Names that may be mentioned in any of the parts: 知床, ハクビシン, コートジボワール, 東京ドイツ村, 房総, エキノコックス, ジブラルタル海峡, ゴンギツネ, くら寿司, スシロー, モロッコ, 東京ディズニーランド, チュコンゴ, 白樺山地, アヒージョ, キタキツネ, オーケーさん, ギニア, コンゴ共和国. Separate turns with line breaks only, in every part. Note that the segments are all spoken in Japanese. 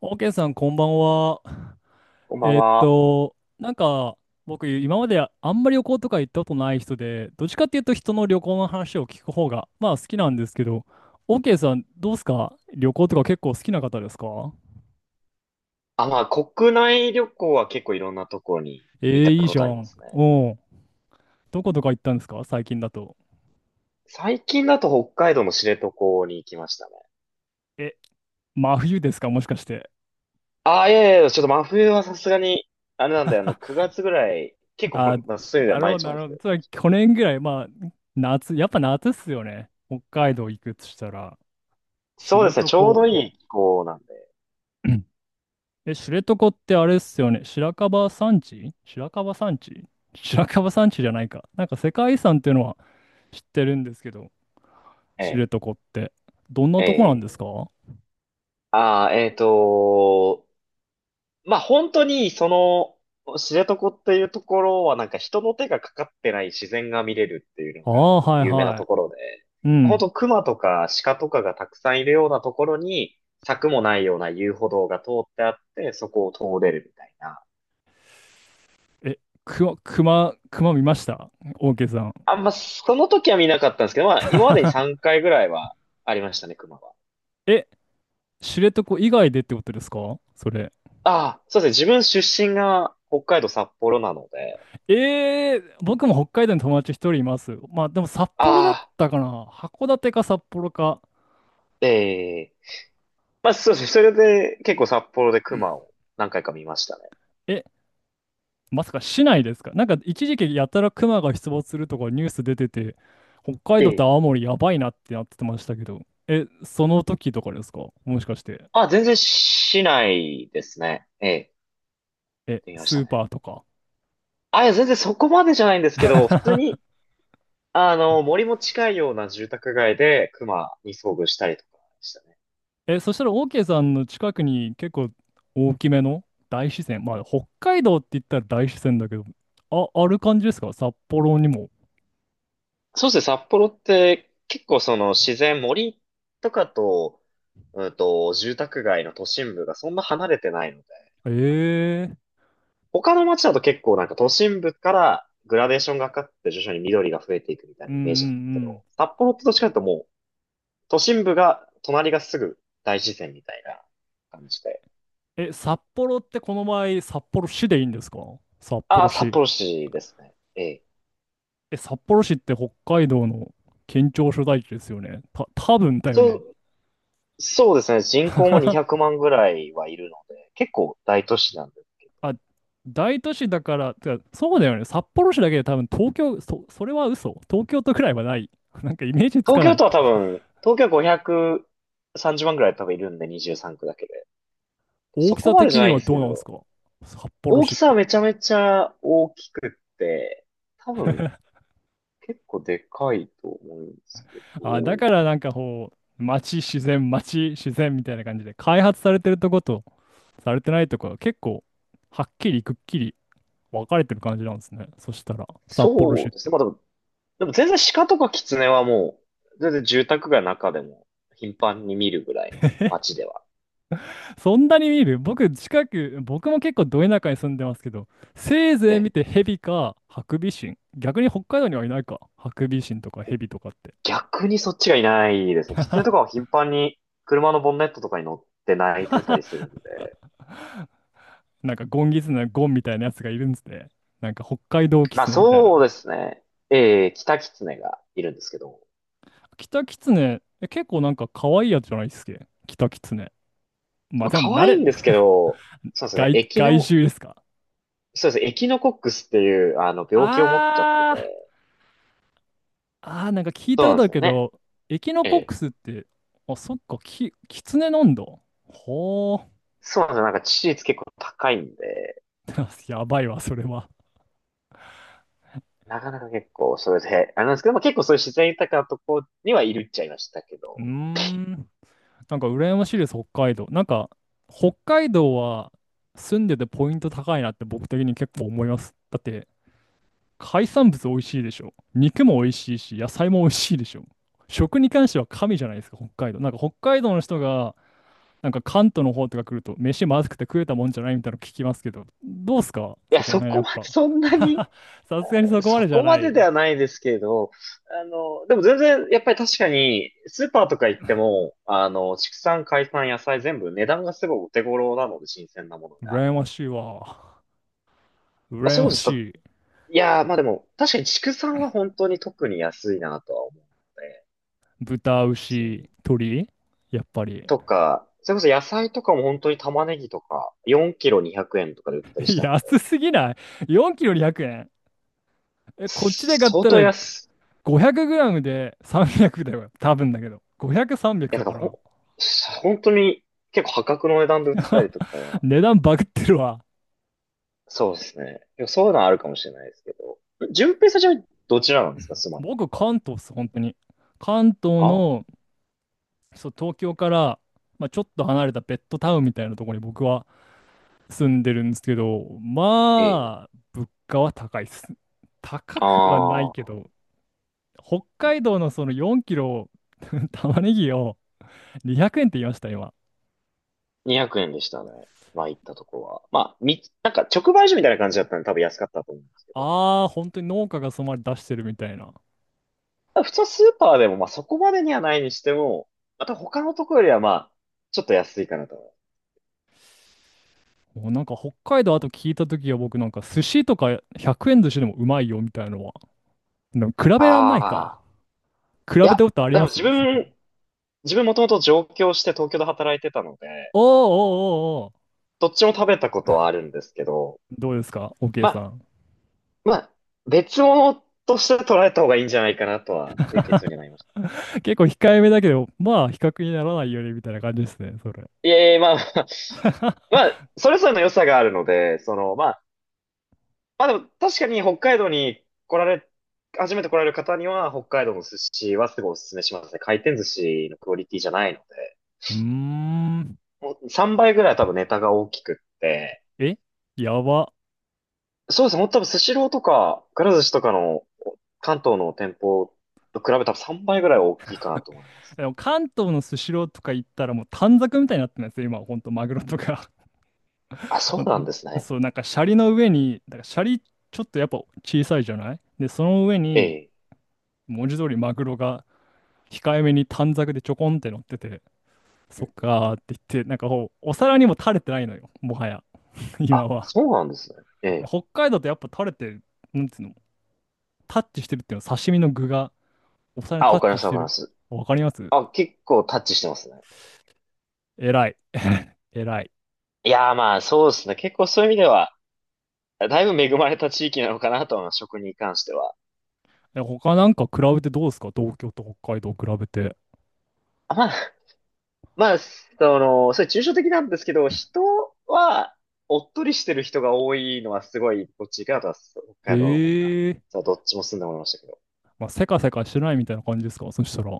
オーケーさん、こんばんは。
こんばんは。
なんか、僕、今まであんまり旅行とか行ったことない人で、どっちかっていうと人の旅行の話を聞く方が、まあ好きなんですけど、オーケーさん、どうすか、旅行とか結構好きな方ですか？
あ、まあ、国内旅行は結構いろんなところに
え
行
ー、
っ
い
た
い
こ
じゃ
とありま
ん。
すね。
おうん。どことか行ったんですか、最近だと。
最近だと北海道の知床に行きましたね。
え、真冬ですか、もしかして。
あ、いやいやいや、ちょっと真冬はさすがに、あれなんで、9月ぐらい、結
あ、
構、まあ、そういう意味で
な
は
るほ
毎
ど、
日も
な
で
る
す
ほ
け
ど。
ど、
つまり、去年ぐらい。まあ、夏、やっぱ夏っすよね、北海道行くとしたら。知
そうですね、
床。
ちょうどいい気候なんで。
え、知床ってあれっすよね。白樺山地じゃないか。なんか世界遺産っていうのは知ってるんですけど、知
え
床って。どんな
え、
とこなんですか？
ええ。
あ
ああ、まあ本当に、知床っていうところはなんか人の手がかかってない自然が見れるっていうのが
あー、はい
有名な
は
ところで、
い。う
本
ん。
当熊とか鹿とかがたくさんいるようなところに、柵もないような遊歩道が通ってあって、そこを通れるみたいな。
え、くま熊、熊見ましたオーケーさん？
あんま、その時は見なかったんですけど、まあ今までに 3回ぐらいはありましたね、熊は。
え、知床以外でってことですか、それ。
ああ、そうですね。自分出身が北海道札幌なので、
えー、僕も北海道に友達一人います。まあでも札幌だっ
ああ、
たかな。函館か札幌か。
ええまあ、そうですね。それで結構札幌で熊を何回か見ましたね。
え、まさか市内ですか？なんか一時期やたらクマが出没するとかニュース出てて、北海
え
道と
え。
青森やばいなってなってましたけど、え、その時とかですか、もしかして。
あ、全然市内ですね。ええ、
え、
見まし
ス
た
ー
ね。
パーとか。
あ、いや、全然そこまでじゃないんですけど、普通に、森も近いような住宅街で熊に遭遇したりとかでしたね。
え、そしたら OK さんの近く、に結構大きめの大自然、まあ北海道って言ったら大自然だけど、あ、ある感じですか、札幌にも。
そうですね、札幌って結構その自然、森とかと、住宅街の都心部がそんな離れてないので、
ええ、
他の街だと結構なんか都心部からグラデーションがかかって徐々に緑が増えていくみたい
うん
な
う
イメージなんですけ
んうん。
ど、札幌ってどっちかというともう都心部が隣がすぐ大自然みたいな感じで。
え、札幌ってこの場合、札幌市でいいんですか、札
あ
幌
あ、札
市。
幌市ですね。ええ。
え、札幌市って北海道の県庁所在地ですよね。多分だよ
そ
ね。
う、そうですね。人口も200万ぐらいはいるので、結構大都市なんで。
あ、大都市だから、てか、そうだよね。札幌市だけで多分東京、それは嘘。東京都くらいはない。なんかイメージつか
東
な
京
い。
都は多分、東京は530万ぐらい多分いるんで、23区だけで。
大
そ
き
こ
さ
まで
的
じゃな
に
いん
は
です
ど
け
うなんです
ど、
か、札幌
大
市
き
っ
さは
て。
めちゃめちゃ大きくって、多分 結構でかいと思うんですけ
あ、だ
ど、
からなんかこう、街、自然、街、自然みたいな感じで、開発されてるとこと、されてないとこが結構、はっきりくっきり分かれてる感じなんですね、そしたら、札幌市
そう
っ
です
て。
ね。まあでも全然鹿とかキツネはもう、全然住宅街の中でも頻繁に見るぐらいの街では。
そんなに見る？僕、近く、僕も結構ど田舎に住んでますけど、せいぜい
ね。
見てヘビかハクビシン。逆に北海道にはいないか、ハクビシンとかヘビとかって。
逆にそっちがいないですね。キツネとかは頻繁に車のボンネットとかに乗って鳴いてたりするんで。
なんかゴンギツネのゴンみたいなやつがいるんですね。なんか北海道キ
まあ
ツネみたいな。
そうですね。キタキツネがいるんですけど。
キタキツネ、え、結構なんか可愛いやつじゃないっすけ、キタキツネ。まあ
まあ
で
可
も慣
愛い
れ、
んですけ ど、そうですね。
外、
エキ
外
ノ、
周ですか。
そうですね。エキノコックスっていう、病気を持っちゃって
あー、
て。
あー、なんか聞い
そ
た
う
こ
なん
とあ
で
る
すよ
け
ね。
ど、エキノ
え
コック
え。
スって。あ、そっか、キキツネなんだ。ほー。
そうなんですよ。なんか致死率結構高いんで、
やばいわ、それは。
なかなか結構それで、あれなんですけど、まあ、結構そういう自然豊かなとこにはいるっちゃいましたけ
うー
ど、
ん。なんか羨ましいです、北海道。なんか、北海道は住んでてポイント高いなって僕的に結構思います。だって、海産物美味しいでしょ。肉も美味しいし、野菜も美味しいでしょ。食に関しては神じゃないですか、北海道。なんか北海道の人が、なんか関東の方とか来ると、飯まずくて食えたもんじゃないみたいなの聞きますけど、どうすか
い
そ
や、
こら
そ
辺、や
こ
っ
まで
ぱ。
そんなに、
さすがにそこま
そ
でじゃ
こま
な
で
い。
ではないですけど、でも全然、やっぱり確かに、スーパーとか行っても、畜産、海産、野菜全部値段がすごいお手頃なので、新鮮なものが。
羨ましいわ。
まあ、
羨
そう
ま
ですと、
しい。
いやー、まあでも、確かに畜産は本当に特に安いなとは思うので、
豚、牛、鳥やっぱり。
とか、それこそ野菜とかも本当に玉ねぎとか、4キロ200円とかで売ってたりし たので、
安すぎない？ 4 キロ200円。え、こっちで買っ
相
た
当
ら
安
500グラムで300だよ、多分だけど。500、300
い、いや、
だ
だ
か
からほ
ら。
ん、本当に結構破格の値段で売ってたり とかは、
値段バグってるわ。
そうですね。でもそういうのはあるかもしれないですけど、順平さんじゃどちらなんですか、住まいってい
僕、
うか？
関東っす、本当に。関東
あ
の、
あ
そう、東京から、まあ、ちょっと離れたベッドタウンみたいなところに僕は住んでるんですけど、
ー、ええ
まあ、物価は高いっす。高くはない
あ
け
あ、
ど、北
うん
海
う
道
ん、
のその4キロ 玉ねぎを200円って言いました、今。
200円でしたね。まあ行ったとこは。まあ、なんか直売所みたいな感じだったんで多分安かったと思うんですけど。
ああ、本当に農家がそのまで出してるみたいな。
普通スーパーでも、まあ、そこまでにはないにしても、また他のとこよりは、まあ、ちょっと安いかなと思う。
もうなんか北海道あと聞いた時は、僕、なんか寿司とか100円寿司でもうまいよみたいなのは。でも比べらんないか。
ああ。
比
い
べた
や、
ことあり
で
ま
も
す
自
そこ。
分、自分もともと上京して東京で働いてたので、
おーおーおーおー。
どっちも食べたことはあるんですけど、
どうですか、 OK
ま
さ
あ、
ん？
まあ、別物として捉えた方がいいんじゃないかなとは、いう結論になりました。
結構控えめだけど、まあ比較にならないよねみたいな感じですね、それ。
いえいえ、まあ、まあ、それぞれの良さがあるので、まあでも確かに北海道に来られ、初めて来られる方には北海道の寿司はすごいおすすめしますね。回転寿司のクオリティじゃないの
うーん。
で。3倍ぐらい多分ネタが大きくって。
え、やば。
そうですね。もう多分スシローとか、くら寿司とかの関東の店舗と比べたら3倍ぐらい大きいかなと思います。
でも関東のスシローとか行ったらもう短冊みたいになってるんですよ、今はほんとマグロとか。
あ、そうなんです ね。
そう、なんかシャリの上に、だからシャリちょっとやっぱ小さいじゃないで、その上
え
に
え。
文字通りマグロが控えめに短冊でちょこんって乗ってて、
う
そ
ん
っ
うん、
かーって言って、なんかこう、お皿にも垂れてないのよ、もはや、今
あ、
は。
そうなんですね。ええ。
北海道ってやっぱ垂れて、なんつうの、タッチしてるっていうのは、刺身の具がお皿に
あ、
タ
わ
ッ
かり
チ
ま
し
す、わ
て
かりま
る。
す。
わかります。
あ、結構タッチしてますね。
偉い。偉い。
いやー、まあそうですね。結構そういう意味では、だいぶ恵まれた地域なのかなと思います、食に関しては。
え、他なんか比べてどうですか、東京と北海道比べて。
あまあ、それ抽象的なんですけど、人は、おっとりしてる人が多いのはすごい、こっち行くなとは、北海道の方が、
へえ。
そうどっちも住んでもらいましたけど。
まあ、せかせかしてないみたいな感じですか、そしたら。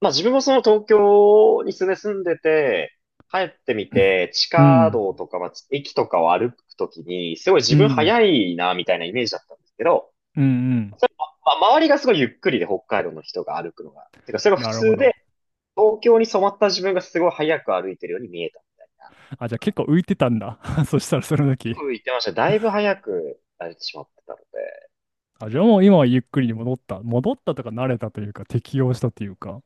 まあ自分も東京に住んでて、帰ってみて、地
う
下
ん。
道とか、まあ、駅とかを歩くときに、すごい
う
自分
ん。
早いな、みたいなイメージだったんですけど、
うんうん。
まあ、周りがすごいゆっくりで北海道の人が歩くのが。てか、それが普
なるほ
通
ど。
で、東京に染まった自分がすごい早く歩いてるように見えたみたいな。
あ、
と
じゃあ
か、
結構浮いてたんだ。そしたら、その
結
時。
構言ってました。だいぶ早く歩いてしまってたので。
あ、じゃあもう今はゆっくりに戻った、戻ったとか、慣れたというか適応したというか。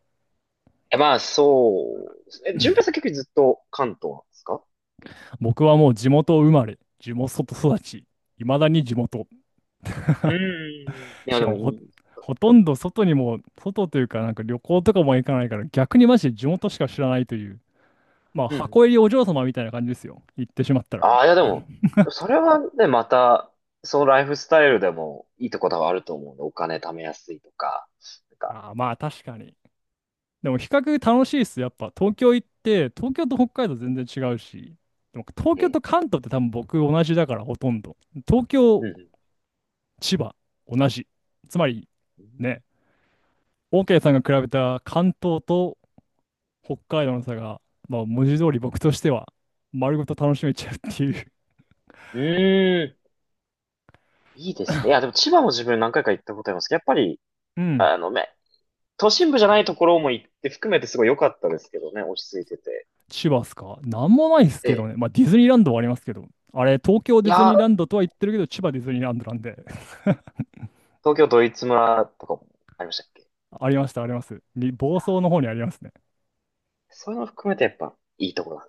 え、まあ、そうですね。
う
順
ん、
平さん結局ずっと関東なんですか？
僕はもう地元生まれ、地元育ち、いまだに地元。
うーん。いや、
し
で
か
も
も
いい。
ほとんど外にも、外というかなんか旅行とかも行かないから、逆にマジで地元しか知らないという。まあ、
うんうん。
箱入りお嬢様みたいな感じですよ、言ってしまったら。
ああ、いや、でも、それはね、また、そのライフスタイルでもいいところはあると思うんで、お金貯めやすいとか、なんか、
ああ、まあ確かに。でも比較楽しいっす。やっぱ東京行って、東京と北海道全然違うし、でも東
え
京
え、
と関東って多分僕同じだからほとんど。東
う
京、
ん
千葉、同じ。つまり、
うん。
ね、OK さんが比べた関東と北海道の差が、まあ文字通り僕としては丸ごと楽しめちゃうっていう。
うーん、いいですね。いや、でも千葉も自分何回か行ったことありますけど、やっぱり、
うん。
都心部じゃないところも行って含めてすごい良かったですけどね、落ち着いてて。
千葉っすか、なんもないっす
え
けど
え、
ね。まあ、ディズニーランドはありますけど。あれ、東京
い
ディズニ
や、
ーランドとは言ってるけど、千葉ディズニーランドなんで。
東京ドイツ村とかもありましたっけ？
ありました、あります。に、房総の方にありますね。
そういうの含めてやっぱいいところなん